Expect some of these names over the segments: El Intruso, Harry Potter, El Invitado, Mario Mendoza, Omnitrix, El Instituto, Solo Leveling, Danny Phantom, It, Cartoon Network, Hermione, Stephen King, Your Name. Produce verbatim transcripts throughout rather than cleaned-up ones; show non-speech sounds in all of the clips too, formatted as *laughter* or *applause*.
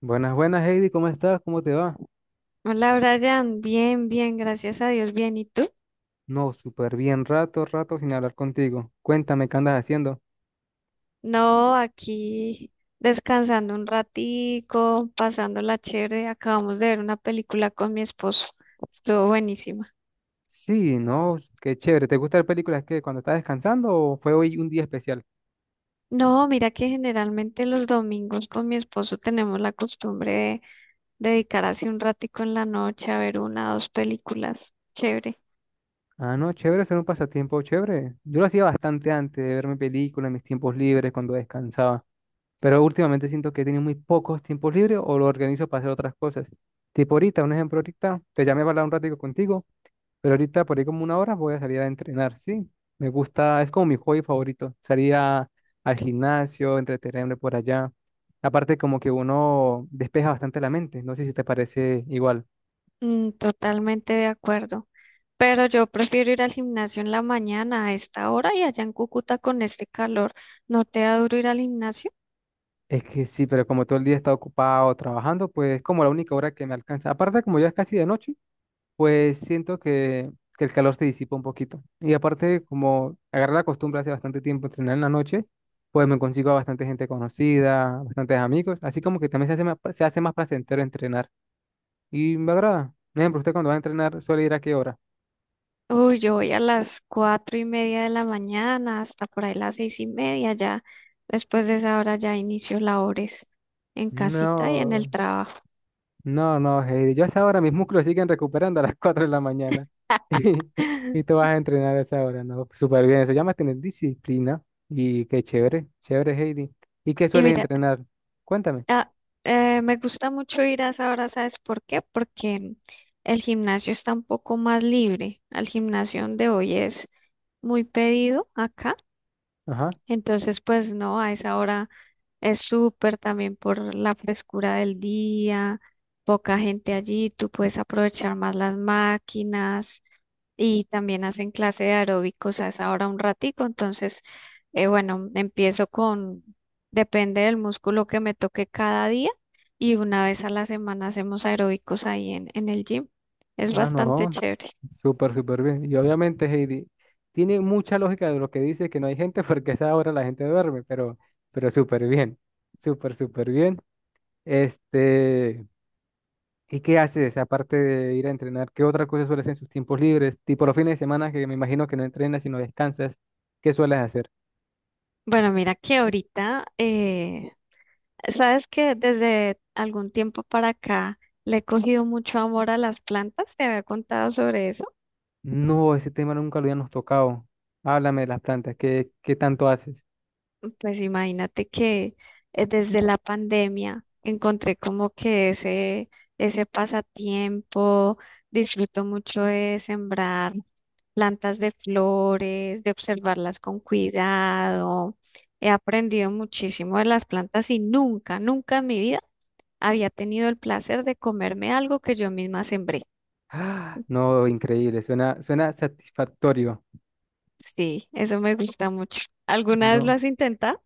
Buenas, buenas, Heidi, ¿cómo estás? ¿Cómo te va? Hola Brian, bien, bien, gracias a Dios, bien. ¿Y tú? No, súper bien, rato, rato sin hablar contigo. Cuéntame, ¿qué andas haciendo? No, aquí descansando un ratico, pasándola chévere. Acabamos de ver una película con mi esposo. Estuvo buenísima. Sí, no, qué chévere. ¿Te gustan las películas que cuando estás descansando o fue hoy un día especial? No, mira que generalmente los domingos con mi esposo tenemos la costumbre de dedicar así un ratico en la noche a ver una o dos películas. Chévere. Ah, no, chévere, ser un pasatiempo chévere. Yo lo hacía bastante antes de verme películas en mis tiempos libres, cuando descansaba. Pero últimamente siento que he tenido muy pocos tiempos libres o lo organizo para hacer otras cosas. Tipo ahorita, un ejemplo ahorita, te llamé para hablar un ratico contigo. Pero ahorita por ahí como una hora voy a salir a entrenar, sí. Me gusta, es como mi hobby favorito. Salir a- al gimnasio, entretenerme por allá. Aparte como que uno despeja bastante la mente. No sé si te parece igual. Mm, totalmente de acuerdo. Pero yo prefiero ir al gimnasio en la mañana a esta hora y allá en Cúcuta con este calor, ¿no te da duro ir al gimnasio? Es que sí, pero como todo el día he estado ocupado trabajando, pues es como la única hora que me alcanza. Aparte como ya es casi de noche, pues siento que, que el calor se disipa un poquito. Y aparte, como agarré la costumbre hace bastante tiempo de entrenar en la noche, pues me consigo a bastante gente conocida, bastantes amigos, así como que también se hace más, se hace más placentero entrenar. Y me agrada. Por ejemplo, ¿usted cuando va a entrenar suele ir a qué hora? Uy, yo voy a las cuatro y media de la mañana hasta por ahí las seis y media ya. Después de esa hora ya inicio labores en casita y en el No, trabajo. no, no, Heidi. Yo a esa hora mis músculos siguen recuperando a las *laughs* cuatro de la mañana. *laughs* Y tú *laughs* vas a entrenar a esa hora, ¿no? Súper bien. Eso llama tener disciplina. Y qué chévere, chévere, Heidi. ¿Y qué Y sueles mira, entrenar? Cuéntame. ah, eh, me gusta mucho ir a esa hora, ¿sabes por qué? Porque el gimnasio está un poco más libre. Al gimnasio donde hoy es muy pedido acá. Ajá. Entonces, pues no, a esa hora es súper también por la frescura del día, poca gente allí, tú puedes aprovechar más las máquinas y también hacen clase de aeróbicos a esa hora un ratico. Entonces, eh, bueno, empiezo con, depende del músculo que me toque cada día y una vez a la semana hacemos aeróbicos ahí en, en el gym. Es Ah, bastante no, chévere. súper, súper bien. Y obviamente, Heidi, tiene mucha lógica de lo que dice que no hay gente *laughs* porque a esa hora la gente duerme, pero, pero súper bien, súper, súper bien. Este, ¿y qué haces aparte de ir a entrenar? ¿Qué otra cosa sueles hacer en sus tiempos libres? Tipo los fines de semana, que me imagino que no entrenas, sino descansas. ¿Qué sueles hacer? Bueno, mira que ahorita eh, sabes que desde algún tiempo para acá le he cogido mucho amor a las plantas, te había contado sobre eso. No, ese tema nunca lo habíamos tocado. Háblame de las plantas, ¿qué, qué tanto haces? *gasps* Pues imagínate que eh, desde la pandemia encontré como que ese, ese pasatiempo, disfruto mucho de sembrar plantas de flores, de observarlas con cuidado. He aprendido muchísimo de las plantas y nunca, nunca en mi vida había tenido el placer de comerme algo que yo misma sembré. Ah, no, increíble, suena, suena satisfactorio. Sí, eso me gusta mucho. ¿Alguna vez lo No. has intentado?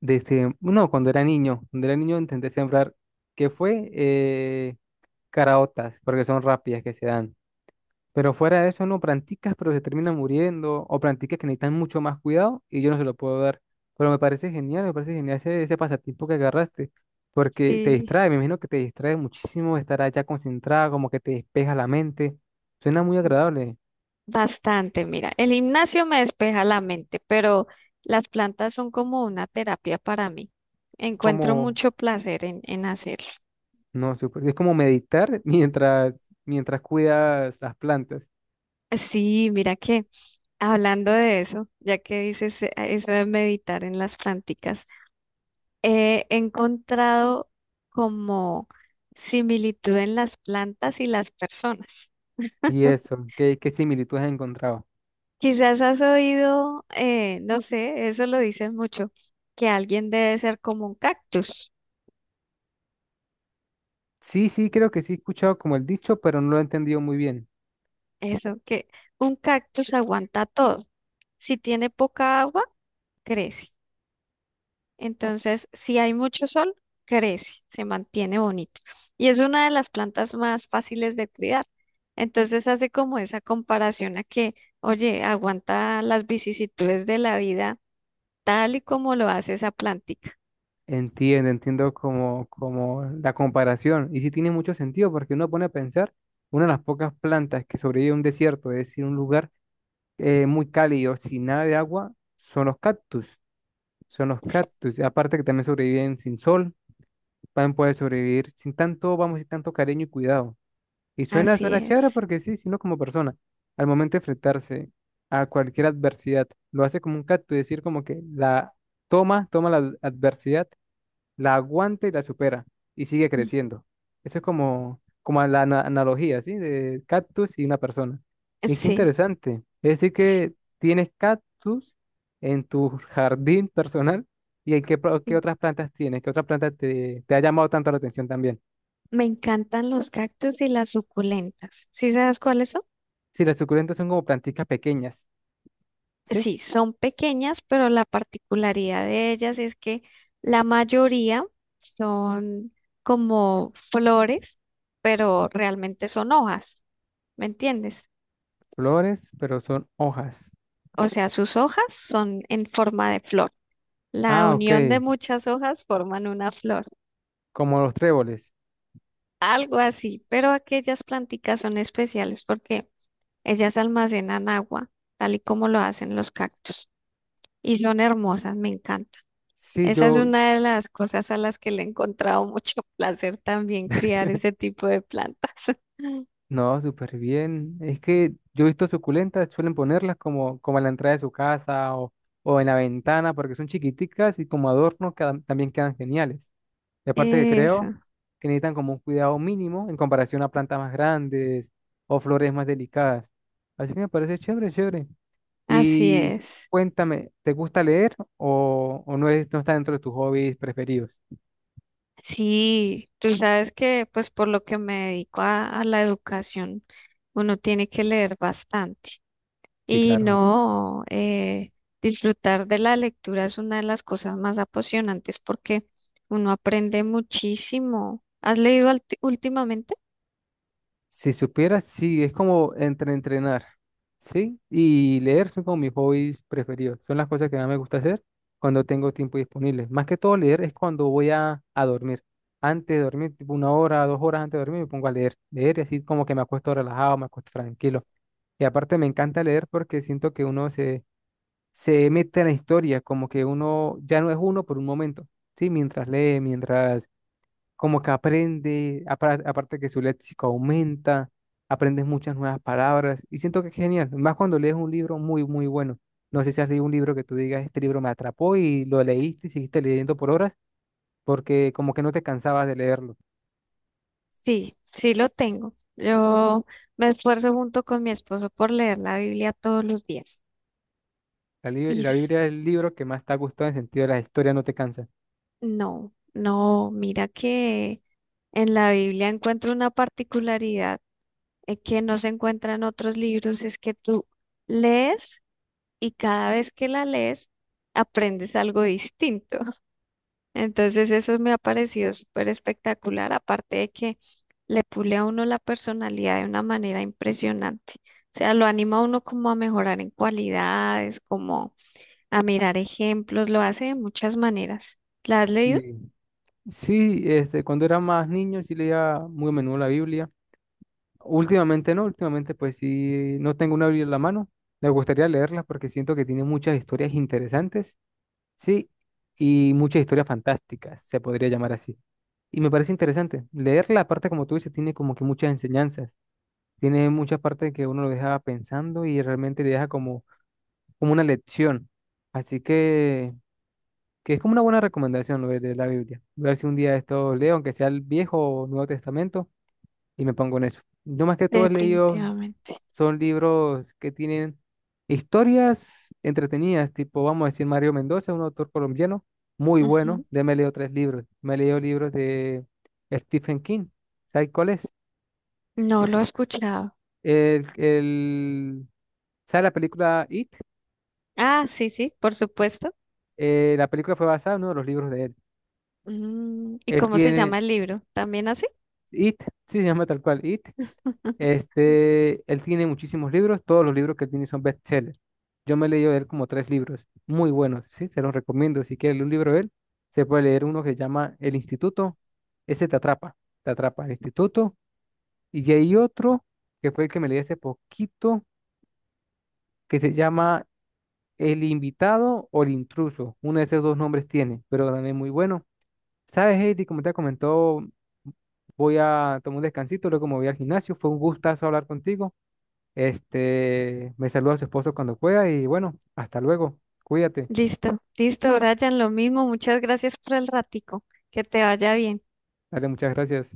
Desde, no, cuando era niño, cuando era niño intenté sembrar, que fue eh, caraotas, porque son rápidas que se dan. Pero fuera de eso, no, planticas, pero se terminan muriendo, o planticas que necesitan mucho más cuidado y yo no se lo puedo dar. Pero me parece genial, me parece genial ese, ese pasatiempo que agarraste, porque te Sí, distrae, me imagino que te distrae muchísimo estar allá concentrada, como que te despeja la mente. Suena muy agradable, bastante. Mira, el gimnasio me despeja la mente, pero las plantas son como una terapia para mí. Encuentro como, mucho placer en, en hacerlo. no, súper- es como meditar *laughs* mientras, mientras cuidas las plantas. Sí, mira que hablando de eso, ya que dices eh, eso de meditar en las planticas, he encontrado como similitud en las plantas y las personas. Y eso, ¿qué, qué similitud has encontrado? Quizás has oído, eh, no sé, eso lo dicen mucho, que alguien debe ser como un cactus. Sí, sí, creo que sí he escuchado como el dicho, pero no lo he entendido muy bien. Eso, que un cactus aguanta todo. Si tiene poca agua, crece. Entonces, si hay mucho sol, crece, se mantiene bonito. Y es una de las plantas más fáciles de cuidar. Entonces hace como esa comparación a que, oye, aguanta las vicisitudes de la vida tal y como lo hace esa plántica. Entiendo, entiendo como, como la comparación. Y sí tiene mucho sentido, porque uno pone a pensar, una de las pocas plantas que sobrevive a un desierto, es decir, un lugar eh, muy cálido, sin nada de agua, son los cactus. Son los cactus, y aparte que también sobreviven sin sol, también pueden sobrevivir sin tanto, vamos, sin tanto cariño y cuidado. Y suena, Así suena es. chévere porque sí, sino como persona, al momento de enfrentarse a cualquier adversidad, lo hace como un cactus, decir como que la toma, toma la ad- adversidad, la aguanta y la supera y sigue Mm, creciendo. Eso es como, como, la ana- analogía, ¿sí? De cactus y una persona. Y qué sí, interesante. Es decir sí, que tienes cactus en tu jardín personal y en qué, pro- qué sí. otras plantas tienes, qué otras plantas te, te ha llamado tanto la atención también. Me encantan los cactus y las suculentas. ¿Sí sabes cuáles son? Sí, las suculentas son como plantitas pequeñas. ¿Sí? Sí, son pequeñas, pero la particularidad de ellas es que la mayoría son como flores, pero realmente son hojas, ¿me entiendes? Flores, pero son hojas. O sea, sus hojas son en forma de flor. La Ah, ok. unión de muchas hojas forman una flor, Como los tréboles. algo así, pero aquellas planticas son especiales porque ellas almacenan agua, tal y como lo hacen los cactus, y son hermosas, me encantan. Sí, Esa es yo, una de las cosas a las que le he encontrado mucho *laughs* placer también, criar ese tipo de plantas. *laughs* no, súper bien. Es que yo he visto suculentas, suelen ponerlas como, como en la entrada de su casa o, o en la ventana, porque son chiquiticas y como adornos quedan- también quedan geniales. Y aparte que creo Eso, que necesitan como un cuidado mínimo en comparación a plantas más grandes o flores más delicadas. Así que me parece chévere, chévere. así Y es. cuéntame, ¿te gusta leer o, o no es, no está dentro de tus hobbies preferidos? Sí, tú sabes que pues por lo que me dedico a, a la educación, uno tiene que leer bastante. Sí, Y claro. no, eh, disfrutar de la lectura es una de las cosas más apasionantes porque uno aprende muchísimo. ¿Has leído alti- últimamente? Si supieras, sí, es como entre entrenar, ¿sí? Y leer son como mis hobbies preferidos. Son las cosas que más me gusta hacer cuando tengo tiempo disponible. Más que todo leer es cuando voy a, a dormir. Antes de dormir, tipo una hora, dos horas antes de dormir, me pongo a leer. Leer y así como que me acuesto relajado, me acuesto tranquilo. Y aparte me encanta leer porque siento que uno se, se mete en la historia, como que uno ya no es uno por un momento, ¿sí? Mientras lee, mientras como que aprende, apar- aparte que su léxico aumenta, aprendes muchas nuevas palabras y siento que es genial, más cuando lees un libro muy, muy bueno. No sé si has leído un libro que tú digas, este libro me atrapó y lo leíste y seguiste leyendo por horas porque como que no te cansabas de leerlo. Sí, sí lo tengo. Yo me esfuerzo junto con mi esposo por leer la Biblia todos los días. La, li- Y la s- Biblia es el libro que más te ha gustado en el sentido de la historia, no te cansa. no, no, mira que en la Biblia encuentro una particularidad eh, que no se encuentra en otros libros, es que tú lees y cada vez que la lees aprendes algo distinto. Entonces eso me ha parecido súper espectacular, aparte de que le pule a uno la personalidad de una manera impresionante. O sea, lo anima a uno como a mejorar en cualidades, como a mirar ejemplos, lo hace de muchas maneras. ¿La has leído? Sí, sí, este, cuando era más niño sí leía muy a menudo la Biblia. Últimamente no, últimamente pues sí, no tengo una Biblia en la mano. Me gustaría leerla porque siento que tiene muchas historias interesantes, sí, y muchas historias fantásticas, se podría llamar así. Y me parece interesante. Leerla, aparte como tú dices, tiene como que muchas enseñanzas, tiene muchas partes que uno lo deja pensando y realmente le deja como, como, una lección. Así que, que es como una buena recomendación lo de de la Biblia. Voy a ver si un día esto leo, aunque sea el Viejo o Nuevo Testamento, y me pongo en eso. Yo más que todo he leído Definitivamente. son libros que tienen historias entretenidas, tipo, vamos a decir, Mario Mendoza, un autor colombiano muy bueno. Ujú. Ya me leo tres libros. Me leo libros de Stephen King. ¿Sabes cuál es? No lo he escuchado. El, el, ¿Sabe la película It? Ah, sí, sí, por supuesto. Eh, la película fue basada en uno de los libros de él. Mm, ¿y Él cómo se llama tiene el libro? ¿También así? It, sí, se llama tal cual It. *laughs* Este, él tiene muchísimos libros, todos los libros que tiene son bestsellers. Yo me he leído de él como tres libros, muy buenos, sí, se los recomiendo. Si quieres leer un libro de él, se puede leer uno que se llama El Instituto, ese te atrapa, te atrapa El Instituto. Y hay otro que fue el que me leí hace poquito, que se llama El Invitado o El Intruso. Uno de esos dos nombres tiene, pero también es muy bueno. ¿Sabes, Heidi? Como te comentó, voy a tomar un descansito, luego me voy al gimnasio. Fue un gustazo hablar contigo. Este, me saluda a su esposo cuando pueda y bueno, hasta luego. Cuídate. Listo, listo, Brian, lo mismo. Muchas gracias por el ratico. Que te vaya bien. Dale, muchas gracias.